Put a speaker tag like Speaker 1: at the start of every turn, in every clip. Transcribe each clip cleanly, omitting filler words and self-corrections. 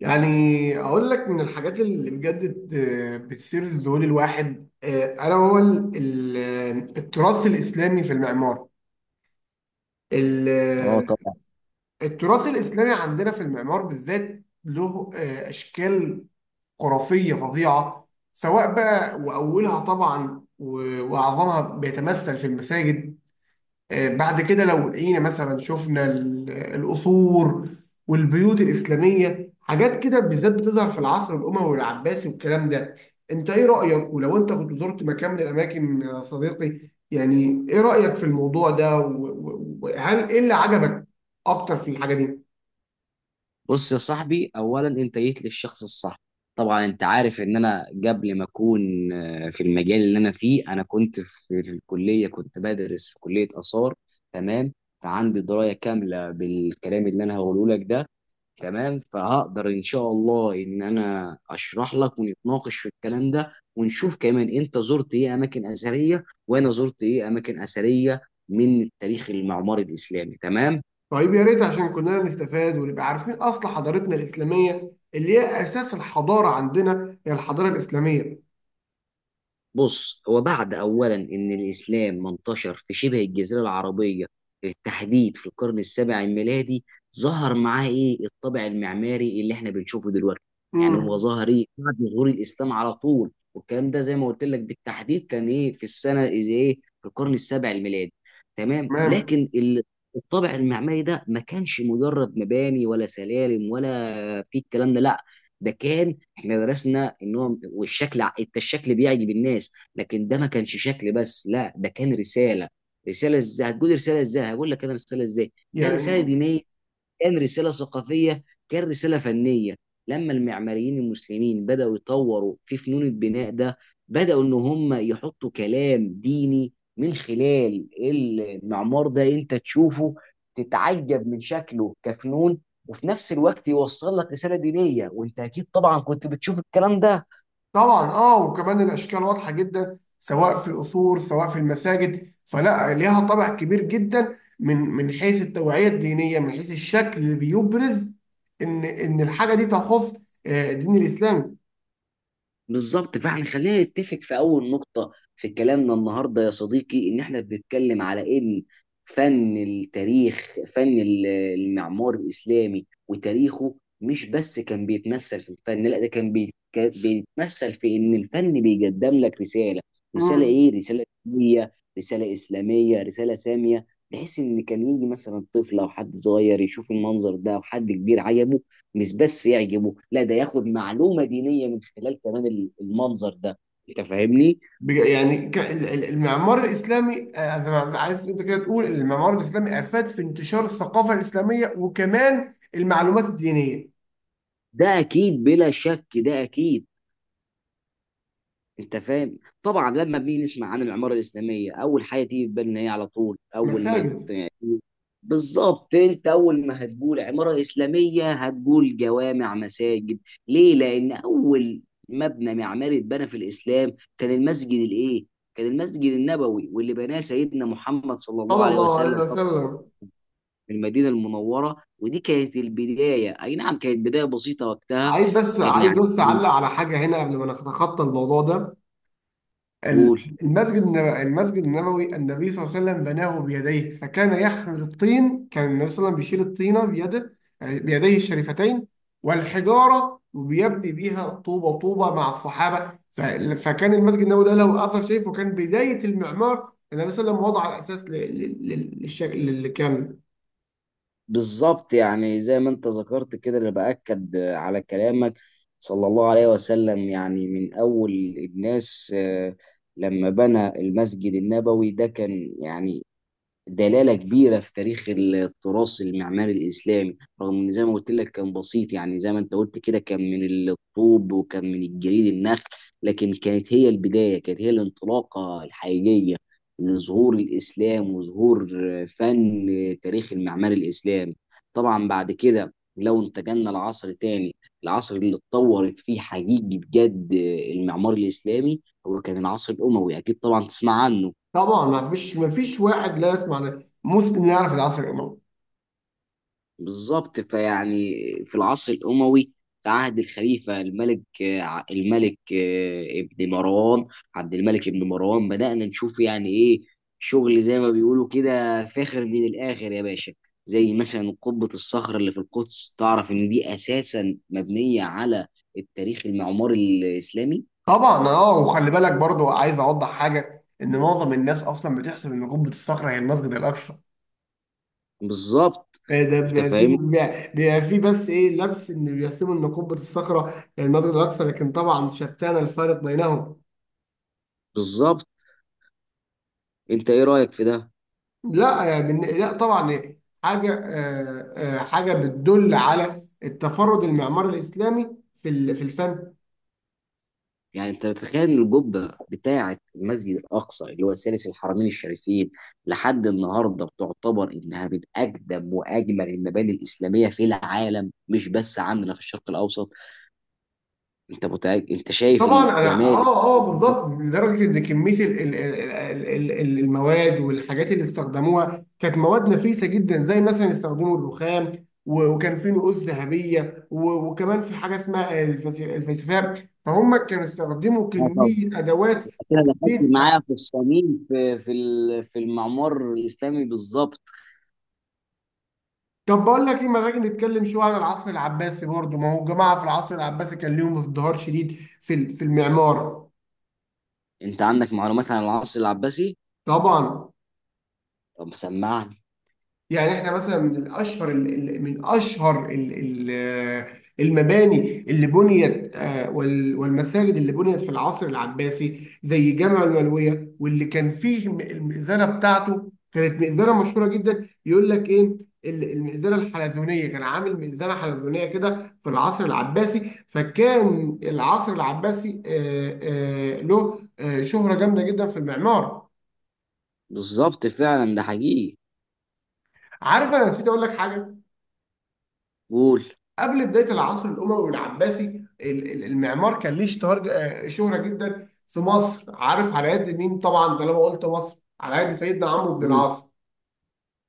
Speaker 1: يعني اقول لك من الحاجات اللي بجد بتثير الذهول الواحد انا هو التراث الاسلامي في المعمار
Speaker 2: اه
Speaker 1: ال-
Speaker 2: طبعا.
Speaker 1: التراث الاسلامي عندنا في المعمار بالذات له اشكال خرافيه فظيعه، سواء بقى، واولها طبعا واعظمها بيتمثل في المساجد. بعد كده لو لقينا مثلا، شفنا القصور والبيوت الإسلامية، حاجات كده بالذات بتظهر في العصر الأموي والعباسي والكلام ده. انت ايه رأيك؟ ولو انت كنت زرت مكان من الأماكن يا صديقي، يعني ايه رأيك في الموضوع ده وهل ايه اللي عجبك اكتر في الحاجة دي؟
Speaker 2: بص يا صاحبي، اولا انت جيت للشخص الصح. طبعا انت عارف ان انا قبل ما اكون، في المجال اللي انا فيه، انا كنت في الكليه، كنت بدرس في كليه اثار. تمام. فعندي درايه كامله بالكلام اللي انا هقوله لك ده. تمام. فهقدر ان شاء الله ان انا اشرح لك ونتناقش في الكلام ده، ونشوف كمان انت زرت ايه اماكن اثريه وانا زرت ايه اماكن اثريه من التاريخ المعماري الاسلامي. تمام.
Speaker 1: طيب، يا ريت، عشان كلنا نستفاد ونبقى عارفين اصل حضارتنا الإسلامية اللي هي اساس الحضارة عندنا، هي الحضارة الإسلامية.
Speaker 2: بص، هو بعد أولا إن الإسلام ما انتشر في شبه الجزيرة العربية بالتحديد في القرن السابع الميلادي، ظهر معاه إيه الطابع المعماري اللي إحنا بنشوفه دلوقتي. يعني هو
Speaker 1: امم
Speaker 2: ظهر إيه بعد ظهور الإسلام على طول، والكلام ده زي ما قلت لك بالتحديد كان إيه في السنة إذا إيه، في القرن السابع الميلادي. تمام،
Speaker 1: تمام.
Speaker 2: لكن الطابع المعماري ده ما كانش مجرد مباني ولا سلالم ولا في الكلام ده، لا، ده كان، احنا درسنا ان هو والشكل، انت الشكل بيعجب الناس، لكن ده ما كانش شكل بس، لا، ده كان رساله. رساله ازاي؟ هتقول رساله ازاي، هقول لك انا رساله ازاي. كان رساله
Speaker 1: يعني
Speaker 2: دينيه، كان رسالة ثقافية، كان رسالة فنية. لما المعماريين المسلمين بدأوا يطوروا في فنون البناء ده، بدأوا إن هم يحطوا كلام ديني من خلال المعمار ده، أنت تشوفه تتعجب من شكله كفنون، وفي نفس الوقت يوصل لك رسالة دينية. وأنت أكيد طبعا كنت بتشوف الكلام ده.
Speaker 1: طبعا اه، وكمان الاشكال واضحه جدا سواء في القصور سواء في المساجد، فلا ليها طابع كبير جدا من حيث التوعيه الدينيه، من حيث الشكل اللي بيبرز ان الحاجه دي تخص دين الاسلام.
Speaker 2: بالظبط، فاحنا خلينا نتفق في اول نقطة في كلامنا النهاردة يا صديقي، ان احنا بنتكلم على ان فن التاريخ، فن المعمار الاسلامي وتاريخه، مش بس كان بيتمثل في الفن، لا، ده كان كان بيتمثل في ان الفن بيقدم لك رسالة. رسالة
Speaker 1: مم.
Speaker 2: ايه؟ رسالة دينية، رسالة اسلامية، رسالة سامية، بحيث ان كان يجي مثلا طفل او حد صغير يشوف المنظر ده، او حد كبير عجبه، مش بس يعجبه، لا، ده ياخد معلومة دينية من خلال كمان المنظر ده. انت فاهمني.
Speaker 1: المعمار الاسلامي، أنا عايز انت كده تقول إن المعمار الاسلامي افاد في انتشار الثقافه الاسلاميه وكمان المعلومات الدينيه.
Speaker 2: ده اكيد، بلا شك ده اكيد. انت فاهم. طبعا لما بنيجي نسمع عن العمارة الإسلامية، اول حاجة تيجي في بالنا هي على طول، اول ما
Speaker 1: مساجد.
Speaker 2: بالظبط، انت اول ما هتقول عمارة إسلامية هتقول جوامع، مساجد. ليه؟ لان اول مبنى معماري اتبنى في الإسلام كان المسجد الايه؟ كان المسجد النبوي، واللي بناه سيدنا محمد صلى الله
Speaker 1: صلى
Speaker 2: عليه
Speaker 1: الله عليه
Speaker 2: وسلم
Speaker 1: وسلم.
Speaker 2: المدينه المنوره. ودي كانت البدايه، اي نعم كانت بدايه بسيطه وقتها.
Speaker 1: عايز بس،
Speaker 2: كان
Speaker 1: عايز
Speaker 2: يعني،
Speaker 1: بس اعلق على حاجه هنا قبل ما نتخطى الموضوع ده. ال-
Speaker 2: قول.
Speaker 1: المسجد النبوي، المسجد النبوي النبي صلى الله عليه وسلم بناه بيديه، فكان يحمل الطين، كان النبي صلى الله عليه وسلم بيشيل الطينه بيده، يعني بيديه الشريفتين والحجاره، وبيبني بيها طوبه طوبه مع الصحابه. فكان المسجد النبوي ده له اثر شريف، وكان بدايه المعمار. النبي صلى الله عليه وسلم وضع الاساس للشكل اللي كان.
Speaker 2: بالظبط، يعني زي ما انت ذكرت كده، اللي باكد على كلامك. صلى الله عليه وسلم يعني من اول الناس. لما بنى المسجد النبوي ده كان يعني دلالة كبيرة في تاريخ التراث المعماري الإسلامي، رغم إن زي ما قلت لك كان بسيط، يعني زي ما أنت قلت كده، كان من الطوب وكان من الجليد النخل، لكن كانت هي البداية، كانت هي الانطلاقة الحقيقية لظهور الإسلام وظهور فن تاريخ المعماري الإسلامي. طبعا بعد كده لو انتقلنا لعصر تاني، العصر اللي اتطورت فيه حقيقي بجد المعمار الإسلامي، هو كان العصر الأموي. أكيد طبعا تسمع عنه.
Speaker 1: طبعا، ما فيش واحد لا يسمع، مسلم لا يعرف العصر الاموي.
Speaker 2: بالظبط، فيعني في العصر الأموي، في عهد الخليفة الملك آه، الملك آه، ابن مروان عبد الملك ابن مروان، بدأنا نشوف يعني إيه شغل زي ما بيقولوا كده، فاخر من الآخر يا باشا. زي مثلا قبة الصخر اللي في القدس، تعرف إن دي أساسا مبنية على التاريخ المعماري الإسلامي.
Speaker 1: طبعا اه، وخلي بالك برضو، عايز اوضح حاجه ان معظم الناس اصلا بتحسب ان قبه الصخره هي المسجد الاقصى.
Speaker 2: بالظبط.
Speaker 1: إيه ده؟
Speaker 2: أنت
Speaker 1: بيبقى في
Speaker 2: فاهم.
Speaker 1: بيبقى في بس ايه، لبس ان بيحسبوا ان قبه الصخره هي المسجد الاقصى، لكن طبعا شتان الفارق بينهم.
Speaker 2: بالظبط، أنت إيه رأيك في ده؟
Speaker 1: لا يا بن- لا طبعا، حاجه، حاجه بتدل على التفرد المعماري الاسلامي في في الفن.
Speaker 2: يعني انت بتتخيل ان القبه بتاعه المسجد الاقصى اللي هو ثالث الحرمين الشريفين، لحد النهارده بتعتبر انها من اقدم واجمل المباني الاسلاميه في العالم، مش بس عندنا في الشرق الاوسط. انت متأكد؟ انت شايف
Speaker 1: طبعا انا
Speaker 2: الجمال.
Speaker 1: اه بالظبط، لدرجه ان كميه المواد والحاجات اللي استخدموها كانت مواد نفيسه جدا، زي مثلا استخدموا الرخام، وكان في نقوش ذهبيه، وكمان في حاجه اسمها الفلسفه. فهم كانوا استخدموا
Speaker 2: اه طبعا،
Speaker 1: كميه ادوات
Speaker 2: كده دخلت
Speaker 1: وكميه.
Speaker 2: معايا في الصميم، في في ال- في المعمار الاسلامي بالظبط.
Speaker 1: طب بقول لك ايه، ما نيجي نتكلم شويه عن العصر العباسي برضه، ما هو الجماعه في العصر العباسي كان ليهم ازدهار شديد في في المعمار.
Speaker 2: انت عندك معلومات عن العصر العباسي؟
Speaker 1: طبعا.
Speaker 2: طب سمعني.
Speaker 1: يعني احنا مثلا من ال- المباني اللي بنيت، والمساجد اللي بنيت في العصر العباسي، زي جامع الملويه، واللي كان فيه المئذنه بتاعته كانت مئذنه مشهوره جدا. يقول لك ايه، المئذنه الحلزونيه، كان عامل مئذنه حلزونيه كده في العصر العباسي، فكان العصر العباسي له شهره جامده جدا في المعمار.
Speaker 2: بالظبط فعلا ده حقيقي.
Speaker 1: عارف، انا نسيت اقول لك حاجه.
Speaker 2: قول.
Speaker 1: قبل بدايه العصر الاموي العباسي، المعمار كان ليه اشتهار شهره جدا في مصر. عارف على يد مين؟ طبعا، طالما قلت مصر، على يد سيدنا عمرو بن
Speaker 2: مم.
Speaker 1: العاص،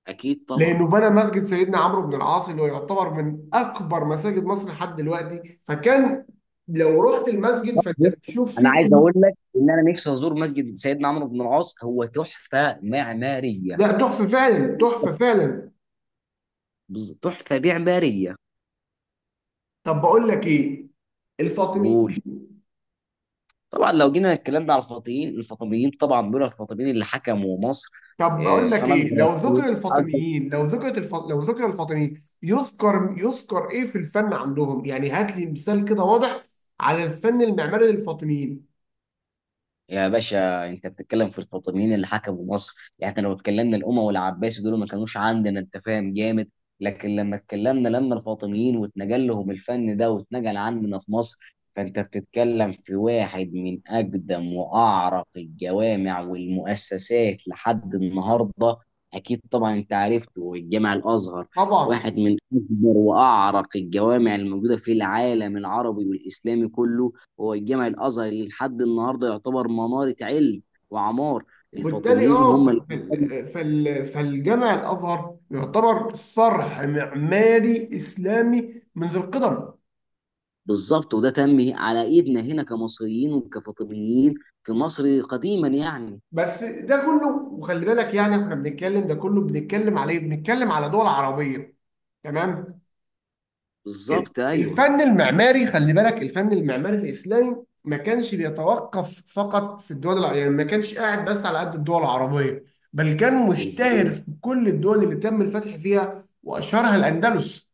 Speaker 2: اكيد طبعا.
Speaker 1: لانه بنى مسجد سيدنا عمرو بن العاص اللي هو يعتبر من اكبر مساجد مصر لحد دلوقتي، فكان لو رحت المسجد، فانت
Speaker 2: بص،
Speaker 1: بتشوف
Speaker 2: انا
Speaker 1: فيه
Speaker 2: عايز اقول لك ان انا نفسي ازور مسجد سيدنا عمرو بن العاص، هو تحفه معماريه.
Speaker 1: لا تحفه فعلا، تحفه فعلا.
Speaker 2: تحفه معماريه.
Speaker 1: طب بقول لك ايه، الفاطميين.
Speaker 2: قول. طبعا لو جينا اتكلمنا على الفاطميين طبعا دول، الفاطميين اللي حكموا مصر.
Speaker 1: طب اقول لك
Speaker 2: فانا
Speaker 1: ايه،
Speaker 2: اقدر أقول-
Speaker 1: لو ذكر الفاطميين، يذكر، يذكر ايه في الفن عندهم؟ يعني هات لي مثال كده واضح على الفن المعماري للفاطميين.
Speaker 2: يا باشا انت بتتكلم في الفاطميين اللي حكموا مصر، يعني احنا لو اتكلمنا الاموي والعباسي، دول ما كانوش عندنا، انت فاهم جامد. لكن لما اتكلمنا، لما الفاطميين واتنقل لهم الفن ده واتنقل عندنا في مصر، فانت بتتكلم في واحد من اقدم واعرق الجوامع والمؤسسات لحد النهارده. اكيد طبعا انت عرفته، الجامع الازهر
Speaker 1: طبعا.
Speaker 2: واحد من اكبر واعرق الجوامع الموجوده في العالم العربي والاسلامي كله، هو الجامع الازهر اللي لحد النهارده يعتبر مناره علم وعمار.
Speaker 1: وبالتالي
Speaker 2: الفاطميين
Speaker 1: اه،
Speaker 2: هم اللي،
Speaker 1: فالجامع الازهر يعتبر صرح معماري اسلامي منذ القدم.
Speaker 2: بالظبط، وده تم على ايدنا هنا كمصريين وكفاطميين في مصر قديما يعني.
Speaker 1: بس ده كله، وخلي بالك يعني احنا بنتكلم، ده كله بنتكلم عليه، بنتكلم على دول عربيه. تمام.
Speaker 2: بالظبط، ايوه.
Speaker 1: الفن المعماري، خلي بالك، الفن المعماري الإسلامي ما كانش بيتوقف فقط في الدول الع... يعني ما كانش قاعد بس على قد الدول العربية، بل كان مشتهر في كل الدول اللي تم الفتح فيها، وأشهرها الأندلس.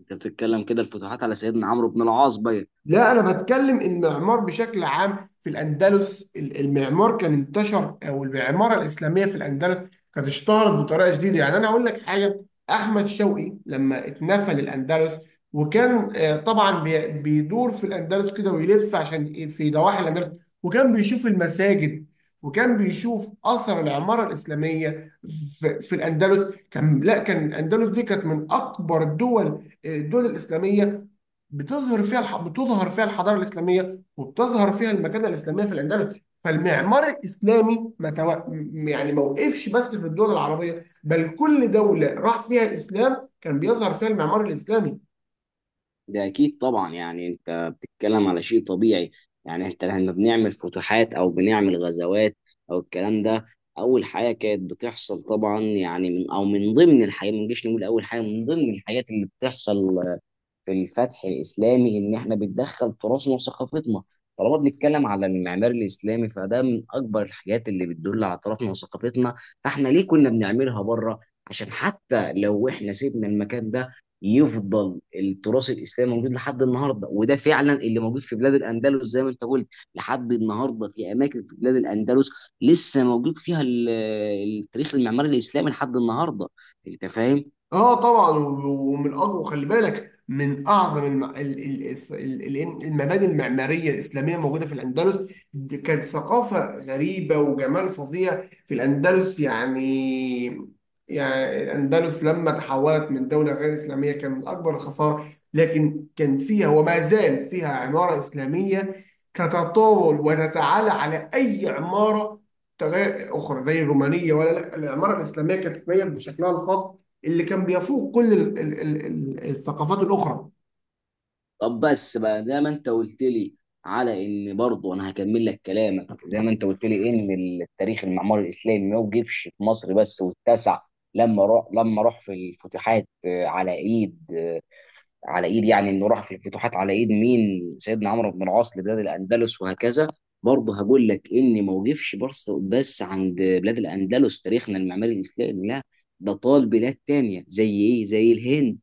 Speaker 2: انت بتتكلم كده الفتوحات على سيدنا عمرو بن العاص بقى.
Speaker 1: لا انا بتكلم المعمار بشكل عام. في الاندلس المعمار كان انتشر، او المعمارة الاسلامية في الاندلس كانت اشتهرت بطريقة جديدة. يعني انا هقول لك حاجة، احمد شوقي لما اتنفى للاندلس، وكان طبعا بيدور في الاندلس كده ويلف، عشان في ضواحي الاندلس، وكان بيشوف المساجد، وكان بيشوف اثر العمارة الاسلامية في, في الاندلس. كان، لا، كان الاندلس دي كانت من اكبر الدول، الدول الاسلامية بتظهر فيها الحضاره الاسلاميه وبتظهر فيها المكانه الاسلاميه في الاندلس. فالمعمار الاسلامي ما تو... م- يعني ما وقفش بس في الدول العربيه، بل كل دوله راح فيها الاسلام كان بيظهر فيها المعمار الاسلامي.
Speaker 2: ده اكيد طبعا، يعني انت بتتكلم على شيء طبيعي. يعني انت لما بنعمل فتوحات او بنعمل غزوات او الكلام ده، اول حاجه كانت بتحصل طبعا يعني من ضمن الحاجات، ما نجيش نقول اول حاجه، من ضمن الحاجات اللي بتحصل في الفتح الاسلامي ان احنا بتدخل تراثنا وثقافتنا. طالما بنتكلم على المعمار الاسلامي فده من اكبر الحاجات اللي بتدل على تراثنا وثقافتنا، فاحنا ليه كنا بنعملها بره؟ عشان حتى لو احنا سيبنا المكان ده، يفضل التراث الاسلامي موجود لحد النهارده، وده فعلا اللي موجود في بلاد الاندلس زي ما انت قلت. لحد النهارده في اماكن في بلاد الاندلس لسه موجود فيها التاريخ المعماري الاسلامي لحد النهارده. انت فاهم.
Speaker 1: اه طبعا، ومن اقوى، خلي بالك، من اعظم الم... ال... ال... الس- ال... ال- المباني المعماريه الاسلاميه موجوده في الاندلس. دي كانت ثقافه غريبه وجمال فظيع في الاندلس يعني. يعني الاندلس لما تحولت من دوله غير اسلاميه، كان من اكبر الخساره، لكن كان فيها وما زال فيها عماره اسلاميه تتطاول وتتعالى على اي عماره تغير اخرى، زي الرومانيه. ولا لا، العماره الاسلاميه كانت تتميز بشكلها الخاص اللي كان بيفوق كل الثقافات الاخرى.
Speaker 2: طب بس بقى، زي ما انت قلت لي على ان برضه انا هكمل لك كلامك، زي ما انت قلت لي ان التاريخ المعماري الاسلامي ما وقفش في مصر بس واتسع، لما راح في الفتوحات، على ايد يعني انه راح في الفتوحات على ايد مين، سيدنا عمرو بن العاص، لبلاد الاندلس وهكذا. برضه هقول لك ان ما وقفش بس عند بلاد الاندلس تاريخنا المعماري الاسلامي، لا، ده طال بلاد تانية زي ايه؟ زي الهند.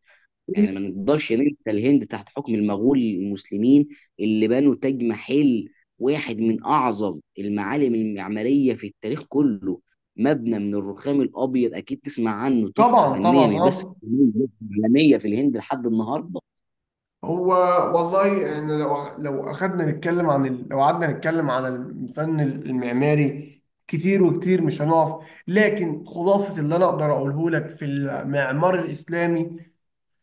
Speaker 2: يعني ما نقدرش ننسى الهند تحت حكم المغول المسلمين اللي بنوا تاج محل، واحد من اعظم المعالم المعماريه في التاريخ كله، مبنى من الرخام الابيض، اكيد تسمع عنه، تحفه
Speaker 1: طبعا
Speaker 2: فنيه
Speaker 1: طبعا
Speaker 2: مش بس
Speaker 1: اه.
Speaker 2: عالميه، في الهند لحد النهارده.
Speaker 1: هو والله احنا لو اخدنا نتكلم عن ال... لو قعدنا نتكلم عن الفن المعماري، كتير وكتير مش هنقف. لكن خلاصة اللي انا اقدر اقوله لك في المعمار الاسلامي،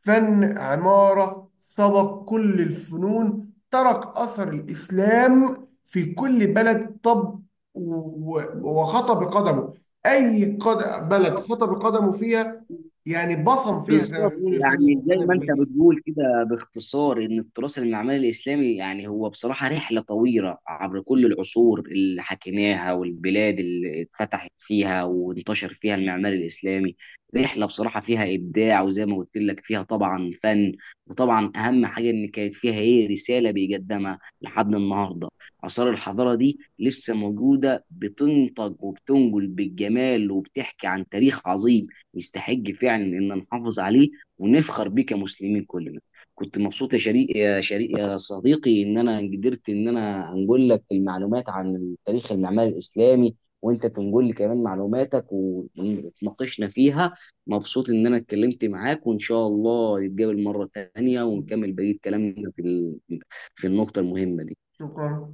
Speaker 1: فن عمارة سبق كل الفنون، ترك أثر الإسلام في كل بلد، طب، وخطى بقدمه بلد خطى بقدمه فيها، يعني بصم فيها، زي ما
Speaker 2: بالظبط،
Speaker 1: بيقول الفن،
Speaker 2: يعني
Speaker 1: الفن
Speaker 2: زي ما انت
Speaker 1: الأمريكي.
Speaker 2: بتقول كده باختصار، ان التراث المعماري الاسلامي يعني هو بصراحه رحله طويله عبر كل العصور اللي حكيناها والبلاد اللي اتفتحت فيها وانتشر فيها المعمار الاسلامي. رحله بصراحه فيها ابداع، وزي ما قلت لك فيها طبعا فن، وطبعا اهم حاجه ان كانت فيها ايه؟ رساله بيقدمها لحد النهارده. اثار الحضاره دي لسه موجوده، بتنتج وبتنقل بالجمال وبتحكي عن تاريخ عظيم يستحق فعلا ان نحافظ عليه ونفخر بيه كمسلمين كلنا. كنت مبسوط يا شريك، يا شريك يا صديقي، ان انا قدرت ان انا انقل لك المعلومات عن التاريخ المعماري الاسلامي وانت تنقل لي كمان معلوماتك ونتناقشنا فيها. مبسوط ان انا اتكلمت معاك وان شاء الله نتقابل مرة تانية ونكمل بقية كلامنا في النقطة المهمة دي.
Speaker 1: شكرا.